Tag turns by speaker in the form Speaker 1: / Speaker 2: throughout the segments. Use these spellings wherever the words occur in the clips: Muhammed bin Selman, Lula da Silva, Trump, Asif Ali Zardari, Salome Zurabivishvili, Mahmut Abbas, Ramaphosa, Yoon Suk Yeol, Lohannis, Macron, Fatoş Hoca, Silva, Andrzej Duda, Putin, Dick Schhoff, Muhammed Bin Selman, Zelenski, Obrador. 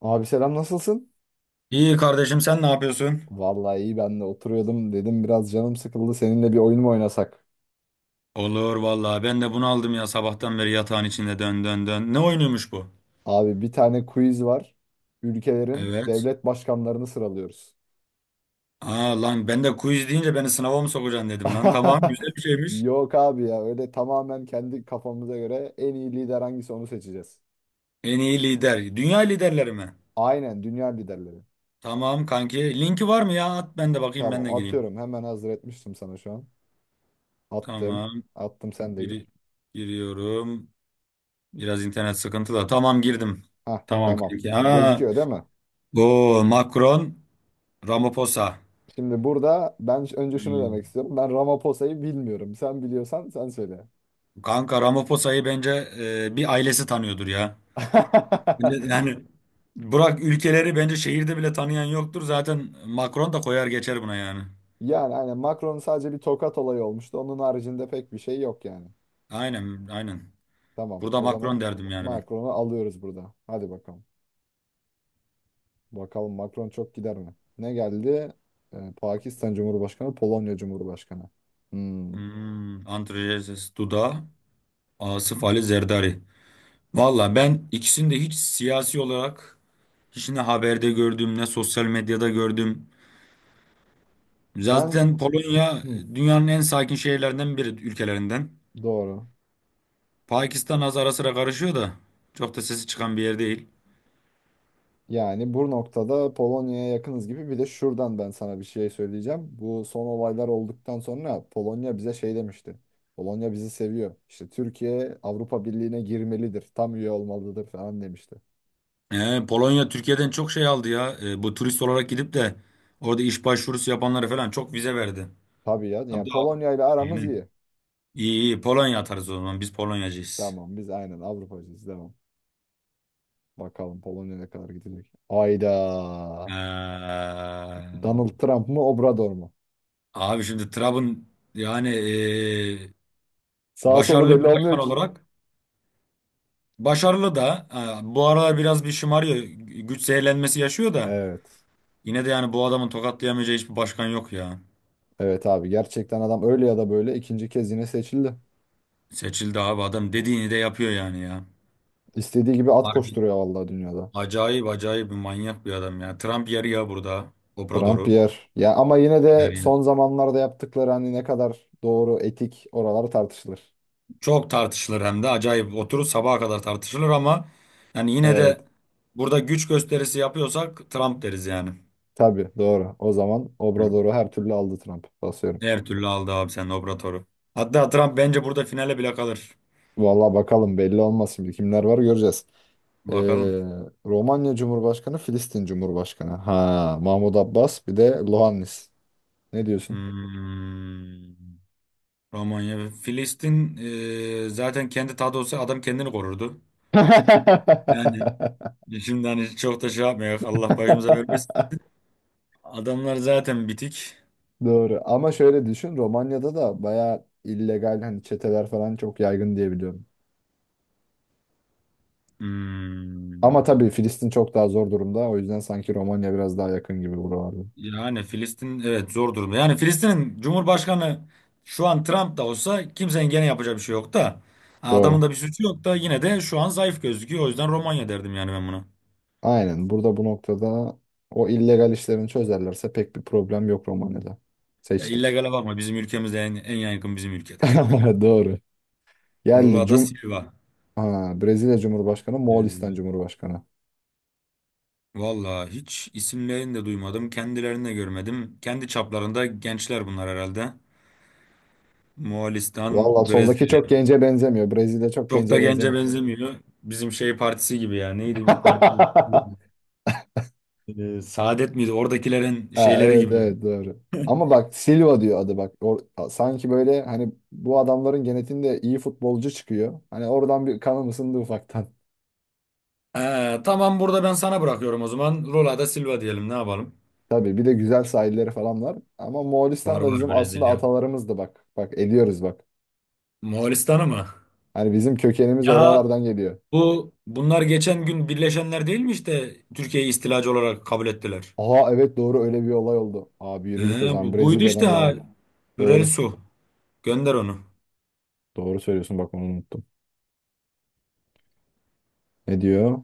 Speaker 1: Abi selam nasılsın?
Speaker 2: İyi kardeşim sen ne yapıyorsun?
Speaker 1: Vallahi iyi ben de oturuyordum dedim biraz canım sıkıldı seninle bir oyun mu oynasak?
Speaker 2: Olur vallahi ben de bunu aldım ya sabahtan beri yatağın içinde dön dön dön. Ne oynuyormuş bu?
Speaker 1: Abi bir tane quiz var. Ülkelerin
Speaker 2: Evet.
Speaker 1: devlet başkanlarını sıralıyoruz.
Speaker 2: Aa lan ben de quiz deyince beni sınava mı sokacaksın dedim lan. Tamam, güzel bir şeymiş.
Speaker 1: Yok abi ya öyle tamamen kendi kafamıza göre en iyi lider hangisi onu seçeceğiz.
Speaker 2: En iyi lider. Dünya liderleri mi?
Speaker 1: Aynen dünya liderleri.
Speaker 2: Tamam kanki. Linki var mı ya? At ben de bakayım, ben
Speaker 1: Tamam
Speaker 2: de gireyim.
Speaker 1: atıyorum hemen hazır etmiştim sana şu an. Attım.
Speaker 2: Tamam.
Speaker 1: Attım sen de
Speaker 2: Giri
Speaker 1: gir.
Speaker 2: Giriyorum. Biraz internet sıkıntılı. Tamam, girdim.
Speaker 1: Hah
Speaker 2: Tamam
Speaker 1: tamam.
Speaker 2: kanki. Aa.
Speaker 1: Gözüküyor değil mi?
Speaker 2: Bu Macron, Ramaphosa.
Speaker 1: Şimdi burada ben önce şunu demek
Speaker 2: Hmm.
Speaker 1: istiyorum. Ben Ramaphosa'yı bilmiyorum. Sen biliyorsan sen söyle.
Speaker 2: Kanka Ramaphosa bence bir ailesi tanıyordur ya. Yani bırak ülkeleri, bence şehirde bile tanıyan yoktur. Zaten Macron da koyar geçer buna yani.
Speaker 1: Yani aynen Macron'un sadece bir tokat olayı olmuştu. Onun haricinde pek bir şey yok yani.
Speaker 2: Aynen aynen.
Speaker 1: Tamam
Speaker 2: Burada
Speaker 1: o zaman
Speaker 2: Macron derdim yani ben.
Speaker 1: Macron'u alıyoruz burada. Hadi bakalım. Bakalım Macron çok gider mi? Ne geldi? Pakistan Cumhurbaşkanı, Polonya Cumhurbaşkanı. Hmm.
Speaker 2: Antrojenses Duda, Asif Ali Zerdari. Valla ben ikisini de hiç siyasi olarak hiç ne haberde gördüm ne sosyal medyada gördüm.
Speaker 1: Ben
Speaker 2: Zaten Polonya
Speaker 1: Hı,
Speaker 2: dünyanın en sakin şehirlerinden biri, ülkelerinden.
Speaker 1: doğru.
Speaker 2: Pakistan az ara sıra karışıyor da çok da sesi çıkan bir yer değil.
Speaker 1: Yani bu noktada Polonya'ya yakınız gibi bir de şuradan ben sana bir şey söyleyeceğim. Bu son olaylar olduktan sonra Polonya bize şey demişti. Polonya bizi seviyor. İşte Türkiye Avrupa Birliği'ne girmelidir. Tam üye olmalıdır falan demişti.
Speaker 2: Polonya Türkiye'den çok şey aldı ya. Bu turist olarak gidip de orada iş başvurusu yapanlara falan çok vize verdi.
Speaker 1: Tabii ya. Yani
Speaker 2: Hatta
Speaker 1: Polonya ile aramız
Speaker 2: aynen.
Speaker 1: iyi.
Speaker 2: İyi iyi, Polonya atarız o zaman. Biz Polonyacıyız.
Speaker 1: Tamam biz aynen Avrupacıyız. Tamam. Bakalım Polonya ne kadar gidecek. Ayda.
Speaker 2: Ee,
Speaker 1: Donald Trump mı Obrador mu?
Speaker 2: abi şimdi Trump'ın yani
Speaker 1: Sağ solu
Speaker 2: başarılı
Speaker 1: belli
Speaker 2: bir başkan
Speaker 1: olmuyor ki.
Speaker 2: olarak, başarılı da bu aralar biraz bir şımarıyor. Güç zehirlenmesi yaşıyor da
Speaker 1: Evet.
Speaker 2: yine de yani bu adamın tokatlayamayacağı hiçbir başkan yok ya.
Speaker 1: Evet abi gerçekten adam öyle ya da böyle ikinci kez yine seçildi.
Speaker 2: Seçildi abi, adam dediğini de yapıyor yani ya.
Speaker 1: İstediği gibi at
Speaker 2: Harbi.
Speaker 1: koşturuyor vallahi dünyada.
Speaker 2: Acayip acayip bir manyak bir adam ya. Trump yer ya burada
Speaker 1: Trump
Speaker 2: Obrador'u.
Speaker 1: yer. Ya ama yine
Speaker 2: Yer
Speaker 1: de son
Speaker 2: yer.
Speaker 1: zamanlarda yaptıkları hani ne kadar doğru, etik oralar tartışılır.
Speaker 2: Çok tartışılır, hem de acayip, oturur sabaha kadar tartışılır, ama yani yine
Speaker 1: Evet.
Speaker 2: de burada güç gösterisi yapıyorsak Trump deriz yani.
Speaker 1: Tabii doğru. O zaman
Speaker 2: Hı.
Speaker 1: Obrador'u her türlü aldı Trump. Basıyorum.
Speaker 2: Her türlü aldı abi sen Obrador'u. Hatta Trump bence burada finale bile kalır.
Speaker 1: Vallahi bakalım belli olmaz şimdi kimler var göreceğiz. Ee,
Speaker 2: Bakalım.
Speaker 1: Romanya Cumhurbaşkanı, Filistin Cumhurbaşkanı. Ha, Mahmut Abbas bir de Lohannis. Ne diyorsun?
Speaker 2: Hmm. Romanya ve Filistin, zaten kendi tadı olsa adam kendini korurdu. Yani şimdi hani çok da şey yapmayak. Allah başımıza vermesin. Adamlar zaten bitik.
Speaker 1: Doğru. Ama şöyle düşün, Romanya'da da bayağı illegal hani çeteler falan çok yaygın diye biliyorum. Ama
Speaker 2: Hmm.
Speaker 1: tabii Filistin çok daha zor durumda. O yüzden sanki Romanya biraz daha yakın gibi buralarda.
Speaker 2: Yani Filistin evet zor durumda. Yani Filistin'in Cumhurbaşkanı şu an Trump da olsa kimsenin gene yapacağı bir şey yok da. Ha,
Speaker 1: Doğru.
Speaker 2: adamın da bir suçu yok da, yine de şu an zayıf gözüküyor. O yüzden Romanya derdim yani ben buna.
Speaker 1: Aynen. Burada bu noktada o illegal işlerini çözerlerse pek bir problem yok Romanya'da.
Speaker 2: Ya
Speaker 1: Seçtik.
Speaker 2: illegale bakma, bizim ülkemizde en yaygın, bizim ülkede.
Speaker 1: Doğru. Geldi.
Speaker 2: Lula da Silva.
Speaker 1: Brezilya Cumhurbaşkanı, Moğolistan Cumhurbaşkanı.
Speaker 2: Vallahi hiç isimlerini de duymadım. Kendilerini de görmedim. Kendi çaplarında gençler bunlar herhalde. Moğolistan,
Speaker 1: Valla soldaki
Speaker 2: Brezilya.
Speaker 1: çok gence benzemiyor. Brezilya çok
Speaker 2: Çok da
Speaker 1: gence
Speaker 2: gence
Speaker 1: benzemiyor.
Speaker 2: benzemiyor. Bizim şey partisi gibi ya. Neydi bir parti? Saadet miydi? Oradakilerin
Speaker 1: Ha,
Speaker 2: şeyleri
Speaker 1: evet
Speaker 2: gibi.
Speaker 1: evet doğru. Ama bak Silva diyor adı bak. Sanki böyle hani bu adamların genetiğinde iyi futbolcu çıkıyor. Hani oradan bir kanım ısındı ufaktan.
Speaker 2: Tamam, burada ben sana bırakıyorum o zaman. Lula da Silva diyelim. Ne yapalım?
Speaker 1: Tabii bir de güzel sahilleri falan var. Ama
Speaker 2: Var
Speaker 1: Moğolistan da
Speaker 2: var
Speaker 1: bizim aslında
Speaker 2: Brezilya.
Speaker 1: atalarımızdı bak. Bak ediyoruz bak.
Speaker 2: Moğolistan'ı mı?
Speaker 1: Hani bizim kökenimiz
Speaker 2: Ya
Speaker 1: oralardan geliyor.
Speaker 2: bunlar geçen gün birleşenler değil mi, işte Türkiye'yi istilacı olarak kabul ettiler.
Speaker 1: Aha evet doğru öyle bir olay oldu. Abi yürü git o zaman
Speaker 2: Buydu işte
Speaker 1: Brezilya'dan
Speaker 2: ha.
Speaker 1: devam.
Speaker 2: Hürel
Speaker 1: Doğru.
Speaker 2: Su. Gönder onu.
Speaker 1: Doğru söylüyorsun bak onu unuttum. Ne diyor?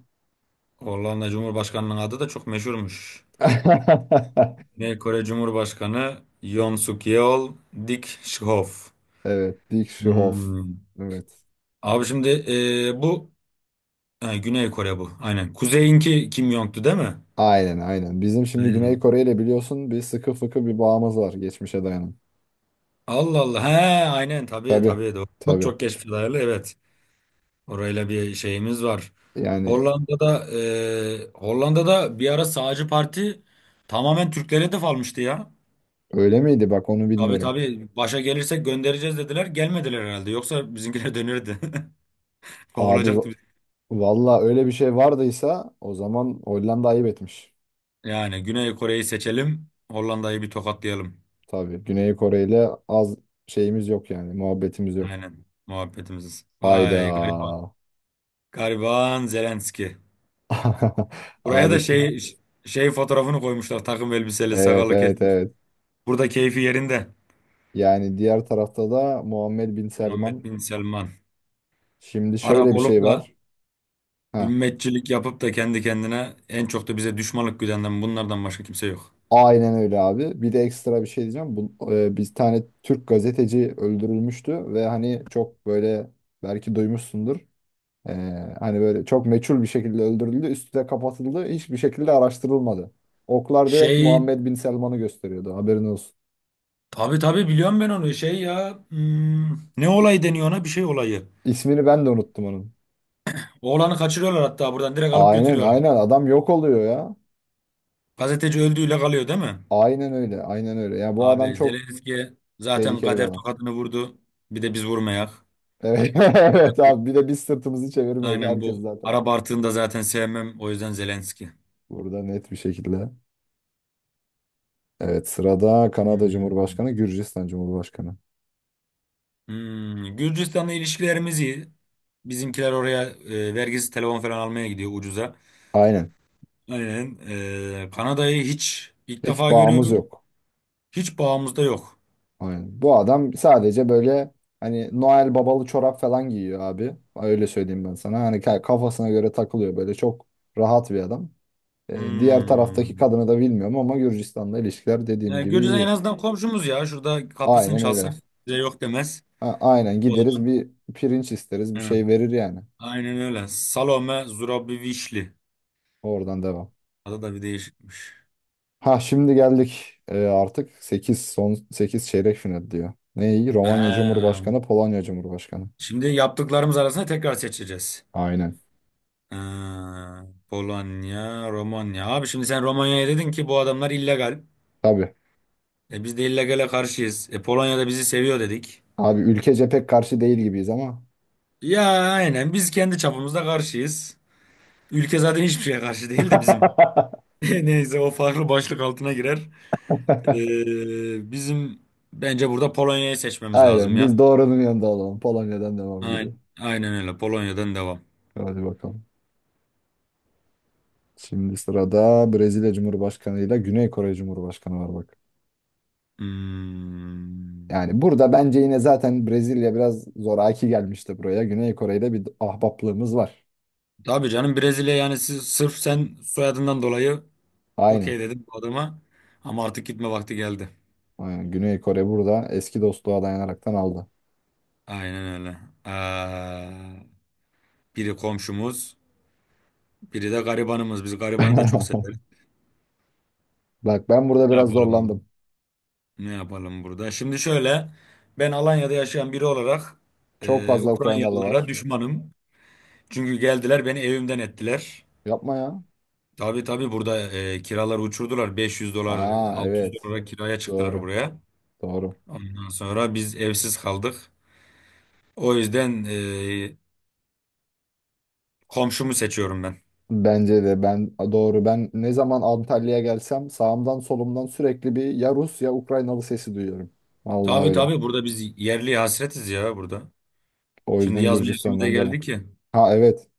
Speaker 2: Hollanda Cumhurbaşkanı'nın adı da çok meşhurmuş. Güney Kore Cumhurbaşkanı Yoon Suk Yeol, Dik Shihov.
Speaker 1: Evet Dick Schhoff.
Speaker 2: Hmm.
Speaker 1: Evet.
Speaker 2: Abi şimdi e, bu ha, Güney Kore bu. Aynen. Kuzeyinki Kim Jong'tu değil mi?
Speaker 1: Aynen aynen. Bizim şimdi Güney
Speaker 2: Aynen.
Speaker 1: Kore ile biliyorsun bir sıkı fıkı bir bağımız var geçmişe dayanan.
Speaker 2: Allah Allah. He, aynen, tabii
Speaker 1: Tabii
Speaker 2: tabii, doğru. Çok
Speaker 1: tabii.
Speaker 2: çok geç filarlı, evet. Orayla bir şeyimiz var.
Speaker 1: Yani
Speaker 2: Hollanda'da bir ara sağcı parti tamamen Türklere hedef almıştı ya.
Speaker 1: öyle miydi bak onu
Speaker 2: Tabii
Speaker 1: bilmiyorum.
Speaker 2: tabii başa gelirsek göndereceğiz dediler. Gelmediler herhalde. Yoksa bizimkiler dönürdü.
Speaker 1: Abi va-
Speaker 2: Kovulacaktı.
Speaker 1: Valla öyle bir şey vardıysa o zaman Hollanda ayıp etmiş.
Speaker 2: Yani Güney Kore'yi seçelim. Hollanda'yı bir tokatlayalım.
Speaker 1: Tabii Güney Kore ile az şeyimiz yok yani muhabbetimiz yok.
Speaker 2: Aynen muhabbetimiz.
Speaker 1: Hayda.
Speaker 2: Vay gariban. Gariban Zelenski. Buraya
Speaker 1: Abi
Speaker 2: da
Speaker 1: şimdi.
Speaker 2: şey fotoğrafını koymuşlar. Takım elbiseli,
Speaker 1: Evet
Speaker 2: sakallı
Speaker 1: evet
Speaker 2: kesmiş.
Speaker 1: evet.
Speaker 2: Burada keyfi yerinde.
Speaker 1: Yani diğer tarafta da Muhammed Bin
Speaker 2: Muhammed
Speaker 1: Selman.
Speaker 2: bin Selman.
Speaker 1: Şimdi şöyle
Speaker 2: Arap
Speaker 1: bir
Speaker 2: olup
Speaker 1: şey
Speaker 2: da
Speaker 1: var. Heh.
Speaker 2: ümmetçilik yapıp da kendi kendine en çok da bize düşmanlık güdenden bunlardan başka kimse yok.
Speaker 1: Aynen öyle abi. Bir de ekstra bir şey diyeceğim. Bir tane Türk gazeteci öldürülmüştü ve hani çok böyle belki duymuşsundur. E, Hani böyle çok meçhul bir şekilde öldürüldü. Üstü de kapatıldı. Hiçbir şekilde araştırılmadı. Oklar direkt
Speaker 2: Şey,
Speaker 1: Muhammed Bin Selman'ı gösteriyordu. Haberin olsun.
Speaker 2: tabii tabii biliyorum ben onu. Şey ya, ne
Speaker 1: İ-
Speaker 2: olay deniyor ona, bir şey olayı.
Speaker 1: İsmini ben de unuttum onun.
Speaker 2: Oğlanı kaçırıyorlar hatta, buradan direkt alıp
Speaker 1: Aynen
Speaker 2: götürüyorlar.
Speaker 1: aynen adam yok oluyor ya.
Speaker 2: Gazeteci öldüğüyle kalıyor değil mi?
Speaker 1: Aynen öyle aynen öyle. Ya bu adam
Speaker 2: Abi
Speaker 1: çok
Speaker 2: Zelenski zaten
Speaker 1: tehlikeli bir
Speaker 2: kader
Speaker 1: adam.
Speaker 2: tokadını vurdu. Bir de biz vurmayak.
Speaker 1: Evet,
Speaker 2: Bir de
Speaker 1: evet abi
Speaker 2: bu-
Speaker 1: bir de biz sırtımızı çevirmeyek
Speaker 2: Aynen
Speaker 1: herkes
Speaker 2: bu.
Speaker 1: zaten.
Speaker 2: Arap artığını zaten sevmem. O yüzden Zelenski.
Speaker 1: Burada net bir şekilde. Evet sırada Kanada
Speaker 2: Hmm.
Speaker 1: Cumhurbaşkanı, Gürcistan Cumhurbaşkanı.
Speaker 2: Hmm. Gürcistan'la ilişkilerimiz iyi. Bizimkiler oraya vergisiz telefon falan almaya gidiyor ucuza.
Speaker 1: Aynen.
Speaker 2: Aynen. Kanada'yı hiç ilk
Speaker 1: Hiç
Speaker 2: defa
Speaker 1: bağımız
Speaker 2: görüyorum.
Speaker 1: yok.
Speaker 2: Hiç bağımızda yok.
Speaker 1: Aynen. Bu adam sadece böyle hani Noel babalı çorap falan giyiyor abi. Öyle söyleyeyim ben sana. Hani kafasına göre takılıyor böyle çok rahat bir adam. Diğer taraftaki
Speaker 2: Hmm.
Speaker 1: kadını da bilmiyorum ama Gürcistan'la ilişkiler dediğim
Speaker 2: Yani
Speaker 1: gibi
Speaker 2: Gürcistan en
Speaker 1: iyi.
Speaker 2: azından komşumuz ya. Şurada kapısını
Speaker 1: Aynen öyle.
Speaker 2: çalsın. Bize yok demez.
Speaker 1: Ha, aynen
Speaker 2: O
Speaker 1: gideriz
Speaker 2: zaman.
Speaker 1: bir pirinç isteriz bir
Speaker 2: Hı.
Speaker 1: şey verir yani.
Speaker 2: Aynen öyle. Salome Zurabivişli.
Speaker 1: Oradan devam.
Speaker 2: Adı da bir değişikmiş.
Speaker 1: Ha şimdi geldik. Artık 8 son 8 çeyrek final diyor. Neyi? Romanya
Speaker 2: Ha,
Speaker 1: Cumhurbaşkanı, Polonya Cumhurbaşkanı.
Speaker 2: Şimdi yaptıklarımız arasında tekrar seçeceğiz.
Speaker 1: Aynen.
Speaker 2: Ha, Polonya, Romanya. Abi şimdi sen Romanya'ya dedin ki bu adamlar illegal.
Speaker 1: Tabii.
Speaker 2: E biz de illegale karşıyız. E Polonya da bizi seviyor dedik.
Speaker 1: Abi ülkece pek karşı değil gibiyiz ama.
Speaker 2: Ya aynen, biz kendi çapımızda karşıyız. Ülke zaten hiçbir şeye karşı değil de, bizim. Neyse, o farklı başlık altına girer. Bizim Bence burada Polonya'yı seçmemiz lazım
Speaker 1: Aynen
Speaker 2: ya.
Speaker 1: biz doğrunun yanında olalım. Polonya'dan devam gibi.
Speaker 2: Aynen, aynen öyle. Polonya'dan devam.
Speaker 1: Hadi bakalım. Şimdi sırada Brezilya Cumhurbaşkanı ile Güney Kore Cumhurbaşkanı var bak.
Speaker 2: Hmm.
Speaker 1: Yani burada bence yine zaten Brezilya biraz zoraki gelmişti buraya. Güney Kore ile bir ahbaplığımız var.
Speaker 2: Tabii canım Brezilya, yani sırf sen soyadından dolayı
Speaker 1: Aynen.
Speaker 2: okey dedim bu adama. Ama artık gitme vakti geldi.
Speaker 1: Aynen. Güney Kore burada eski dostluğa dayanaraktan aldı.
Speaker 2: Aynen öyle. Ee, biri komşumuz, biri de garibanımız. Biz garibanı da çok severiz.
Speaker 1: Bak ben burada
Speaker 2: Ne
Speaker 1: biraz
Speaker 2: yapalım?
Speaker 1: zorlandım.
Speaker 2: Ne yapalım burada? Şimdi şöyle, ben Alanya'da yaşayan biri olarak
Speaker 1: Çok fazla Ukraynalı
Speaker 2: Ukraynalılara
Speaker 1: var.
Speaker 2: düşmanım. Çünkü geldiler, beni evimden ettiler.
Speaker 1: Yapma ya.
Speaker 2: Tabii tabii burada kiraları uçurdular. 500 dolar,
Speaker 1: Aa
Speaker 2: 600
Speaker 1: evet.
Speaker 2: dolara kiraya çıktılar
Speaker 1: Doğru.
Speaker 2: buraya.
Speaker 1: Doğru.
Speaker 2: Ondan sonra biz evsiz kaldık. O yüzden komşumu seçiyorum ben.
Speaker 1: Bence de ben doğru. Ben ne zaman Antalya'ya gelsem sağımdan solumdan sürekli bir ya Rus ya Ukraynalı sesi duyuyorum. Vallahi
Speaker 2: Tabii
Speaker 1: öyle.
Speaker 2: tabii burada biz yerli hasretiz ya burada.
Speaker 1: O
Speaker 2: Şimdi
Speaker 1: yüzden
Speaker 2: yaz mevsimi de
Speaker 1: Gürcistan'dan demem.
Speaker 2: geldi ki
Speaker 1: Ha evet.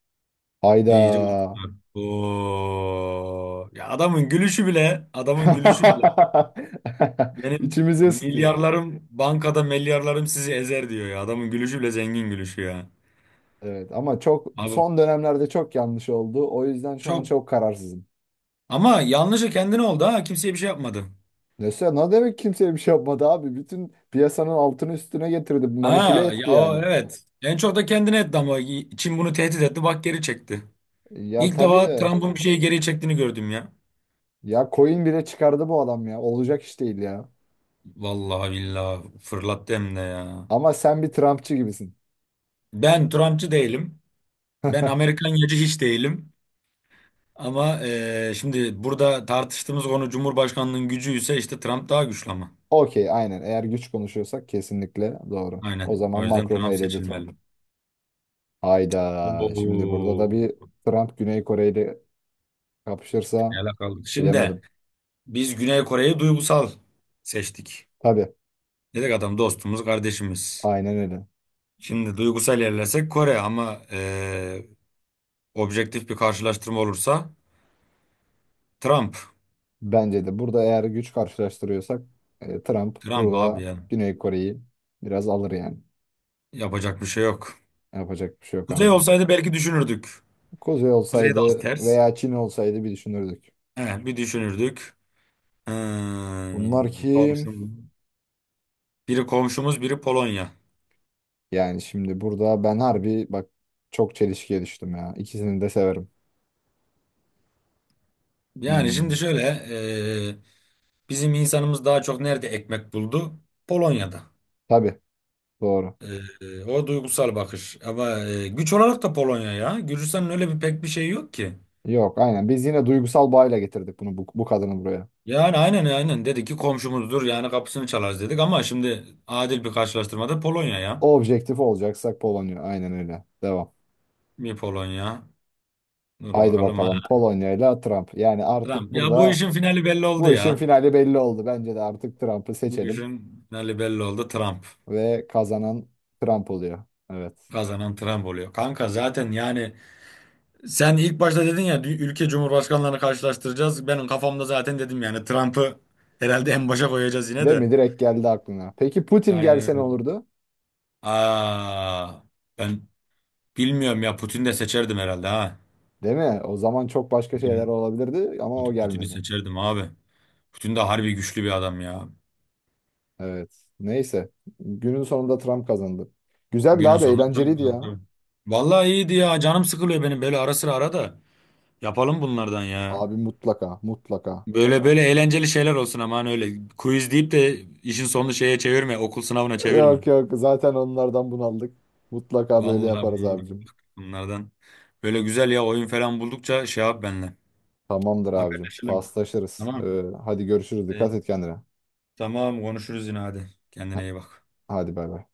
Speaker 2: iyice
Speaker 1: Hayda.
Speaker 2: uçtular. Oo. Ya adamın gülüşü bile, adamın gülüşü bile. Benim
Speaker 1: İçimizi ısıtıyor.
Speaker 2: milyarlarım bankada, milyarlarım sizi ezer diyor ya. Adamın gülüşü bile zengin gülüşü ya.
Speaker 1: Evet ama çok
Speaker 2: Abi
Speaker 1: son dönemlerde çok yanlış oldu. O yüzden şu an
Speaker 2: çok
Speaker 1: çok kararsızım.
Speaker 2: Ama yanlışı kendine oldu ha. Kimseye bir şey yapmadı.
Speaker 1: Neyse ne demek kimseye bir şey yapmadı abi. Bütün piyasanın altını üstüne getirdi.
Speaker 2: Ha,
Speaker 1: Manipüle
Speaker 2: evet.
Speaker 1: etti
Speaker 2: Ya o,
Speaker 1: yani.
Speaker 2: evet. En çok da kendine etti ama Çin bunu tehdit etti. Bak geri çekti.
Speaker 1: Ya
Speaker 2: İlk
Speaker 1: tabii
Speaker 2: defa
Speaker 1: de.
Speaker 2: Trump'ın bir şeyi geri çektiğini gördüm ya.
Speaker 1: Ya coin bile çıkardı bu adam ya. Olacak iş değil ya.
Speaker 2: Vallahi billahi fırlattı hem de ya.
Speaker 1: Ama sen bir Trumpçı gibisin.
Speaker 2: Ben Trumpçı değilim. Ben Amerikan yacı hiç değilim. Ama şimdi burada tartıştığımız konu Cumhurbaşkanlığının gücü ise işte Trump daha güçlü ama.
Speaker 1: Okey aynen. Eğer güç konuşuyorsak kesinlikle doğru. O
Speaker 2: Aynen.
Speaker 1: zaman
Speaker 2: O yüzden
Speaker 1: Macron'u
Speaker 2: Trump
Speaker 1: eledi Trump.
Speaker 2: seçilmeli.
Speaker 1: Hayda. Şimdi burada da bir
Speaker 2: Oo,
Speaker 1: Trump Güney Kore ile
Speaker 2: ne
Speaker 1: kapışırsa
Speaker 2: alakalı. Şimdi
Speaker 1: bilemedim.
Speaker 2: biz Güney Kore'yi duygusal seçtik.
Speaker 1: Tabii.
Speaker 2: Dedik adam dostumuz, kardeşimiz.
Speaker 1: Aynen öyle.
Speaker 2: Şimdi duygusal ilerlesek Kore ama objektif bir karşılaştırma olursa Trump.
Speaker 1: Bence de burada eğer güç karşılaştırıyorsak Trump
Speaker 2: Trump abi
Speaker 1: burada
Speaker 2: ya.
Speaker 1: Güney Kore'yi biraz alır yani.
Speaker 2: Yapacak bir şey yok.
Speaker 1: Yapacak bir şey yok
Speaker 2: Kuzey
Speaker 1: harbiden.
Speaker 2: olsaydı belki düşünürdük.
Speaker 1: Kuzey
Speaker 2: Kuzey de az
Speaker 1: olsaydı
Speaker 2: ters.
Speaker 1: veya Çin olsaydı bir düşünürdük.
Speaker 2: He, bir düşünürdük.
Speaker 1: Bunlar kim?
Speaker 2: Komşumuz. Biri komşumuz, biri Polonya.
Speaker 1: Yani şimdi burada ben harbi bak çok çelişkiye düştüm ya. İkisini de severim.
Speaker 2: Yani şimdi
Speaker 1: Hmm,
Speaker 2: şöyle eee, bizim insanımız daha çok nerede ekmek buldu? Polonya'da.
Speaker 1: tabii doğru.
Speaker 2: O duygusal bakış. Ama güç olarak da Polonya ya. Gürcistan'ın öyle bir pek bir şey yok ki.
Speaker 1: Yok aynen biz yine duygusal bağıyla getirdik bu kadını buraya.
Speaker 2: Yani aynen aynen dedik ki komşumuzdur yani kapısını çalarız dedik, ama şimdi adil bir karşılaştırmada Polonya ya.
Speaker 1: Objektif olacaksak Polonya aynen öyle. Devam.
Speaker 2: Mi Polonya? Dur
Speaker 1: Haydi
Speaker 2: bakalım ha.
Speaker 1: bakalım Polonya ile Trump. Yani artık
Speaker 2: Trump. Ya bu
Speaker 1: burada
Speaker 2: işin finali belli oldu
Speaker 1: bu işin
Speaker 2: ya.
Speaker 1: finali belli oldu. Bence de artık Trump'ı
Speaker 2: Bu
Speaker 1: seçelim
Speaker 2: işin finali belli oldu, Trump.
Speaker 1: ve kazanan Trump oluyor. Evet.
Speaker 2: Kazanan Trump oluyor. Kanka zaten yani sen ilk başta dedin ya, ülke cumhurbaşkanlarını karşılaştıracağız. Benim kafamda zaten dedim yani Trump'ı herhalde en başa koyacağız yine
Speaker 1: Değil
Speaker 2: de.
Speaker 1: mi? Direkt geldi aklına. Peki Putin
Speaker 2: Aynen
Speaker 1: gelse ne
Speaker 2: öyle.
Speaker 1: olurdu?
Speaker 2: Aa, ben bilmiyorum ya, Putin de seçerdim herhalde ha.
Speaker 1: Değil mi? O zaman çok başka şeyler
Speaker 2: Putin,
Speaker 1: olabilirdi ama o
Speaker 2: Putin'i
Speaker 1: gelmedi.
Speaker 2: seçerdim abi. Putin de harbi güçlü bir adam ya.
Speaker 1: Evet. Neyse. Günün sonunda Trump kazandı. Güzeldi
Speaker 2: Günün
Speaker 1: abi,
Speaker 2: sonunda tabii,
Speaker 1: eğlenceliydi
Speaker 2: tabii,
Speaker 1: ya.
Speaker 2: tabii. Vallahi iyiydi ya. Canım sıkılıyor benim böyle, ara sıra ara da. Yapalım bunlardan ya.
Speaker 1: Abi mutlaka, mutlaka.
Speaker 2: Böyle böyle eğlenceli şeyler olsun, aman öyle. Quiz deyip de işin sonunu şeye çevirme. Okul sınavına çevirme.
Speaker 1: Yok yok, zaten onlardan bunaldık. Mutlaka böyle
Speaker 2: Vallahi
Speaker 1: yaparız
Speaker 2: bunlardan.
Speaker 1: abicim.
Speaker 2: bunlardan. Böyle güzel ya, oyun falan buldukça şey yap benimle.
Speaker 1: Tamamdır abicim.
Speaker 2: Haberleşelim.
Speaker 1: Paslaşırız.
Speaker 2: Tamam.
Speaker 1: Hadi görüşürüz.
Speaker 2: Ee,
Speaker 1: Dikkat et kendine.
Speaker 2: Tamam konuşuruz yine hadi. Kendine
Speaker 1: Ha-
Speaker 2: iyi bak.
Speaker 1: Hadi bay bay.